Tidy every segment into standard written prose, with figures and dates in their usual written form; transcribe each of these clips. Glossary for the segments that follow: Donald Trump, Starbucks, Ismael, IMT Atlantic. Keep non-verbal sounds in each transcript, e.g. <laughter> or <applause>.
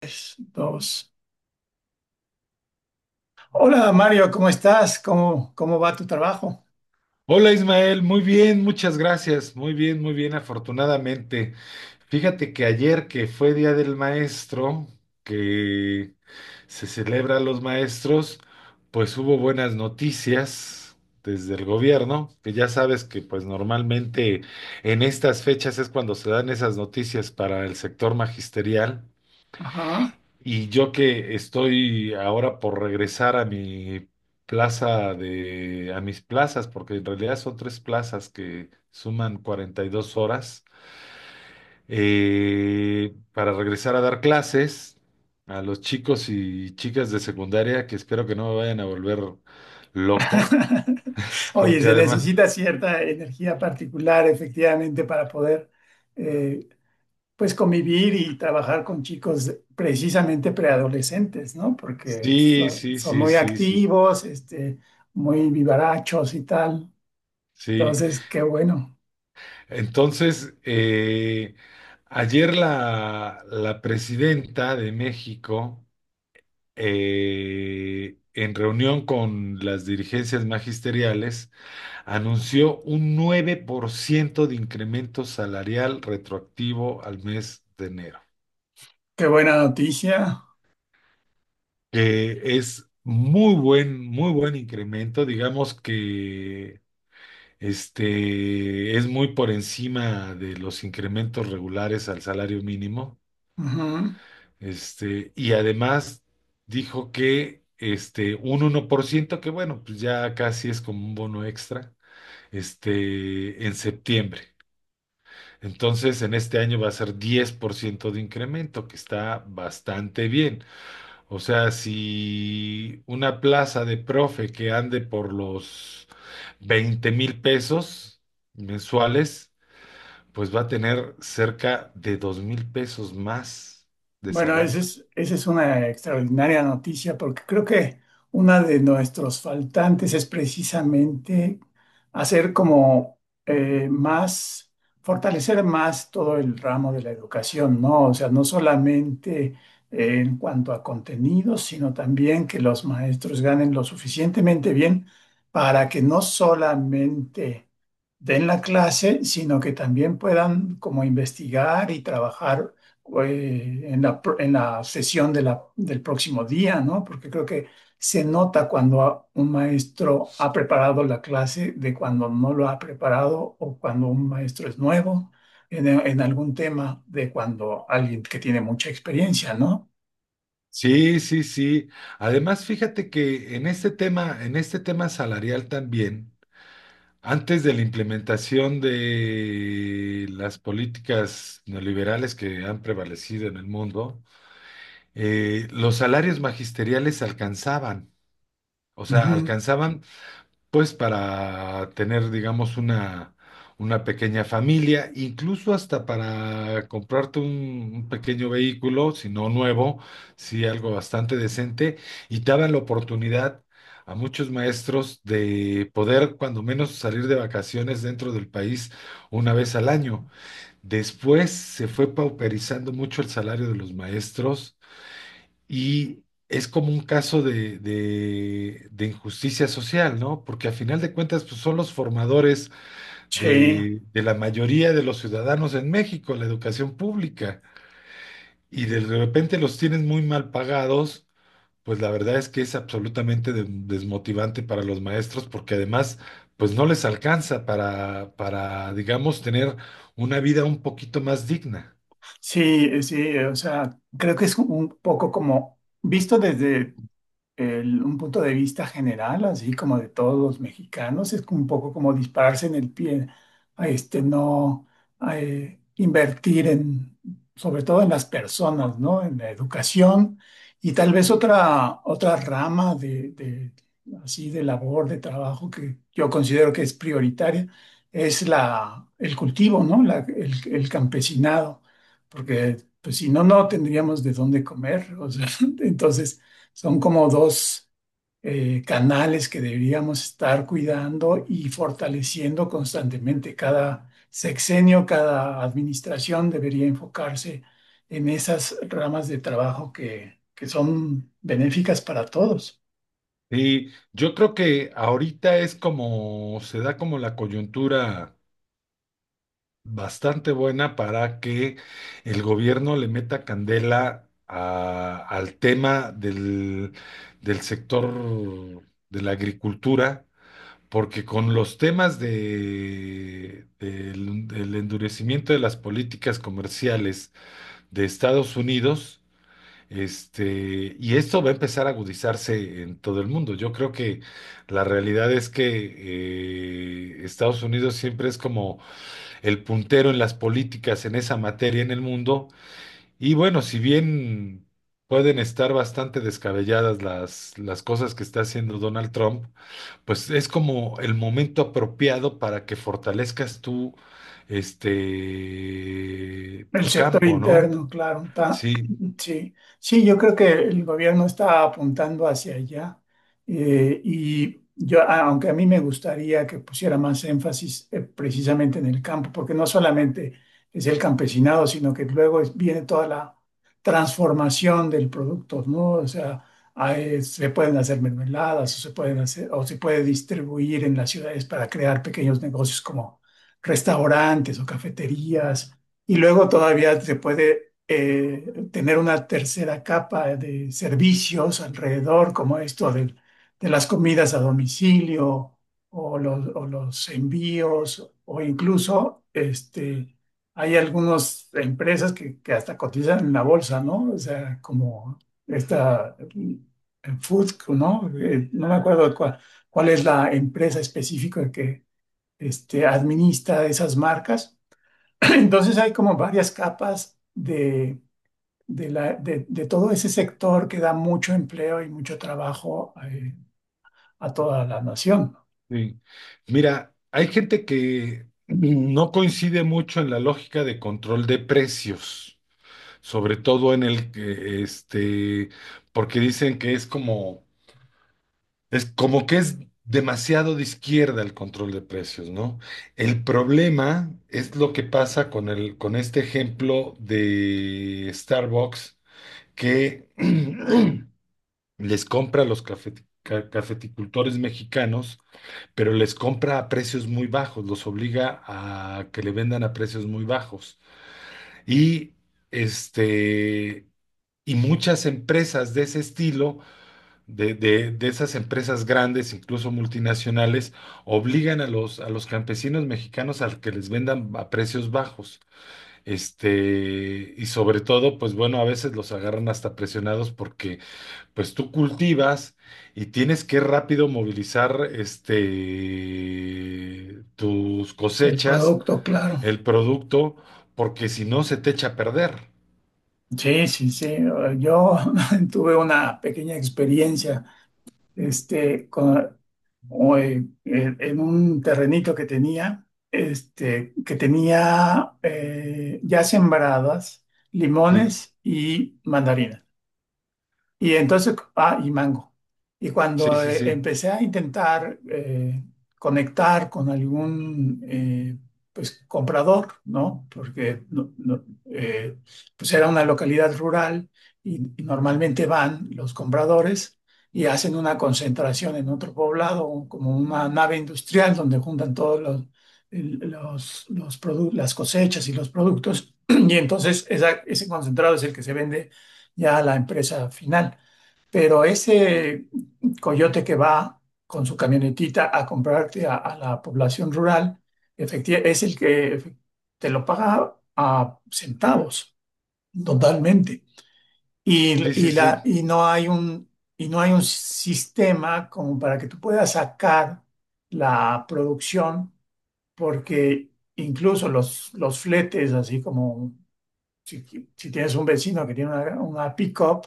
Tres, dos. Hola Mario, ¿cómo estás? ¿Cómo va tu trabajo? Hola Ismael, muy bien, muchas gracias, muy bien, afortunadamente. Fíjate que ayer que fue Día del Maestro, que se celebra a los maestros, pues hubo buenas noticias desde el gobierno, que ya sabes que pues normalmente en estas fechas es cuando se dan esas noticias para el sector magisterial. Ajá. Y yo que estoy ahora por regresar a mi a mis plazas, porque en realidad son tres plazas que suman 42 horas, para regresar a dar clases a los chicos y chicas de secundaria, que espero que no me vayan a volver loco, <laughs> <laughs> Oye, porque se además, necesita cierta energía particular, efectivamente, para poder eh, pues convivir y trabajar con chicos precisamente preadolescentes, ¿no? Porque sí, sí, son sí, muy sí, sí, activos, este, muy vivarachos y tal. sí. Entonces, qué bueno, Entonces, ayer la presidenta de México, en reunión con las dirigencias magisteriales, anunció un 9% de incremento salarial retroactivo al mes de enero, qué buena noticia. que es muy buen incremento, digamos que es muy por encima de los incrementos regulares al salario mínimo, Ujú. Y además dijo que un 1% que bueno, pues ya casi es como un bono extra, en septiembre. Entonces, en este año va a ser 10% de incremento, que está bastante bien. O sea, si una plaza de profe que ande por los $20,000 mensuales, pues va a tener cerca de $2,000 más de Bueno, esa salario. es, esa es una extraordinaria noticia porque creo que una de nuestros faltantes es precisamente hacer como más, fortalecer más todo el ramo de la educación, ¿no? O sea, no solamente en cuanto a contenidos, sino también que los maestros ganen lo suficientemente bien para que no solamente den la clase, sino que también puedan como investigar y trabajar en en la sesión de del próximo día, ¿no? Porque creo que se nota cuando un maestro ha preparado la clase de cuando no lo ha preparado o cuando un maestro es nuevo en algún tema de cuando alguien que tiene mucha experiencia, ¿no? Sí, sí, sí. Además, fíjate que en este tema salarial también, antes de la implementación de las políticas neoliberales que han prevalecido en el mundo, los salarios magisteriales alcanzaban, o sea, Ujú. alcanzaban pues para tener, digamos, una pequeña familia, incluso hasta para comprarte un pequeño vehículo, si no nuevo, si algo bastante decente, y te daban la oportunidad a muchos maestros de poder, cuando menos, salir de vacaciones dentro del país una vez al año. Después se fue pauperizando mucho el salario de los maestros y es como un caso de injusticia social, ¿no? Porque a final de cuentas, pues, son los formadores Sí, de la mayoría de los ciudadanos en México, la educación pública, y de repente los tienen muy mal pagados, pues la verdad es que es absolutamente desmotivante para los maestros, porque además, pues no les alcanza para, digamos, tener una vida un poquito más digna. sí, sí, o sea, creo que es un poco como visto desde un punto de vista general, así como de todos los mexicanos, es como un poco como dispararse en el pie, a este, no a, invertir en, sobre todo en las personas, ¿no? En la educación y tal vez otra rama de, así, de labor, de trabajo que yo considero que es prioritaria, es la, el cultivo, ¿no? El campesinado, porque pues si no, no tendríamos de dónde comer, o sea, <laughs> entonces... Son como dos canales que deberíamos estar cuidando y fortaleciendo constantemente. Cada sexenio, cada administración debería enfocarse en esas ramas de trabajo que son benéficas para todos. Sí, yo creo que ahorita es como, se da como la coyuntura bastante buena para que el gobierno le meta candela al tema del, del sector de la agricultura, porque con los temas de, del del endurecimiento de las políticas comerciales de Estados Unidos, y esto va a empezar a agudizarse en todo el mundo. Yo creo que la realidad es que Estados Unidos siempre es como el puntero en las políticas en esa materia en el mundo. Y bueno, si bien pueden estar bastante descabelladas las cosas que está haciendo Donald Trump, pues es como el momento apropiado para que fortalezcas tú, El tu sector campo, ¿no? interno, claro, está- Sí, <clears throat> sí, sí, yo creo que el gobierno está apuntando hacia allá y yo, aunque a mí me gustaría que pusiera más énfasis precisamente en el campo, porque no solamente es el campesinado, sino que luego viene toda la transformación del producto, ¿no? O sea, se pueden hacer mermeladas o se pueden hacer o se puede distribuir en las ciudades para crear pequeños negocios como restaurantes o cafeterías y luego todavía se puede tener una tercera capa de servicios alrededor, como esto de, las comidas a domicilio o los envíos, o incluso este, hay algunas empresas que hasta cotizan en la bolsa, ¿no? O sea, como esta Food, ¿no? No me acuerdo cuál, cuál es la empresa específica que este, administra esas marcas. <clears throat> Entonces hay como varias capas de, de todo ese sector que da mucho empleo y mucho trabajo a toda la nación. ¿No? sí. Mira, hay gente que no coincide mucho en la lógica de control de precios, sobre todo en el que, porque dicen que es como que es demasiado de izquierda el control de precios, ¿no? El problema es lo que pasa con el, con este ejemplo de Starbucks que <clears throat> les compra a los cafeticultores mexicanos pero les compra a precios muy bajos, los obliga a que le vendan a precios muy bajos. Y este, y muchas empresas de ese estilo, de esas empresas grandes, incluso multinacionales, obligan a los campesinos mexicanos a que les vendan a precios bajos. Y sobre todo, pues bueno, a veces los agarran hasta presionados porque pues tú cultivas y tienes que rápido movilizar tus El cosechas, producto, claro. el producto, porque si no se te echa a perder. Sí, sí, sí. Yo <laughs> tuve una pequeña experiencia este, con, o en, en un terrenito que tenía, este, que tenía ya sembradas Sí, limones y mandarinas. Y entonces, ah, y mango. Y sí, cuando sí, sí, empecé a intentar conectar con algún pues, comprador, ¿no? Porque no, pues era una localidad rural y normalmente van los compradores y hacen una concentración en otro poblado, como una nave industrial donde juntan todos los, los las cosechas y los productos. <clears throat> Y entonces ese concentrado es el que se vende ya a la empresa final. Pero ese coyote que va con su camionetita a comprarte a la población rural, efectivamente, es el que te lo paga a centavos, totalmente. Y, sí, sí, y la, sí. y no hay un, y no hay un sistema como para que tú puedas sacar la producción, porque incluso los fletes, así como si, si tienes un vecino que tiene una pick-up,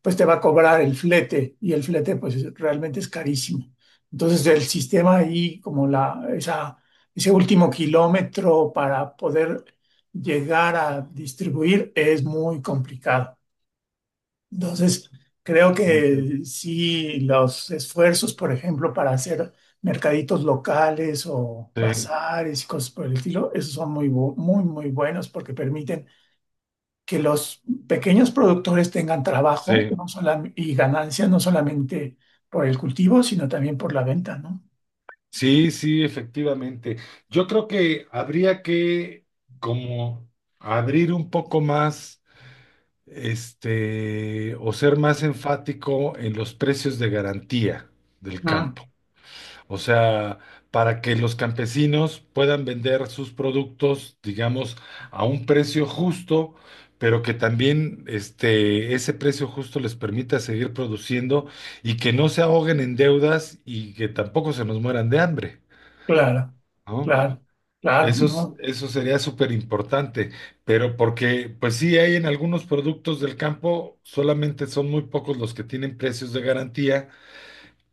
pues te va a cobrar el flete y el flete pues realmente es carísimo. Entonces el sistema ahí, como ese último kilómetro para poder llegar a distribuir es muy complicado. Entonces creo Mm. que sí, los esfuerzos, por ejemplo, para hacer mercaditos locales o Sí, bazares y cosas por el estilo, esos son muy buenos porque permiten que los pequeños productores tengan trabajo sí, y ganancias no solamente por el cultivo, sino también por la venta, ¿no? sí, sí, efectivamente. Yo creo que habría que como abrir un poco más, o ser más enfático en los precios de garantía del Ah, campo. O sea, para que los campesinos puedan vender sus productos, digamos, a un precio justo, pero que también ese precio justo les permita seguir produciendo y que no se ahoguen en deudas y que tampoco se nos mueran de hambre, claro, ¿no? claro, claro, Eso ¿no? eso sería súper importante, pero porque, pues sí, hay en algunos productos del campo, solamente son muy pocos los que tienen precios de garantía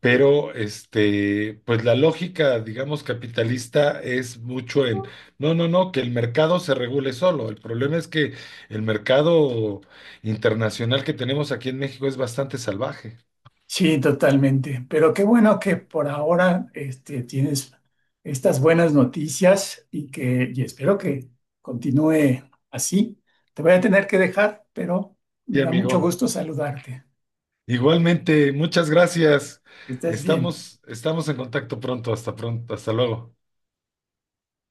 pero pues la lógica, digamos, capitalista es mucho no, no, no, que el mercado se regule solo. El problema es que el mercado internacional que tenemos aquí en México es bastante salvaje. Sí, totalmente. Pero qué bueno que por ahora este, tienes estas buenas noticias y que y espero que continúe así. Te voy a tener que dejar, pero me Sí, da mucho amigo. gusto saludarte. Igualmente, muchas gracias. Que estés bien. Estamos en contacto pronto. Hasta pronto. Hasta luego.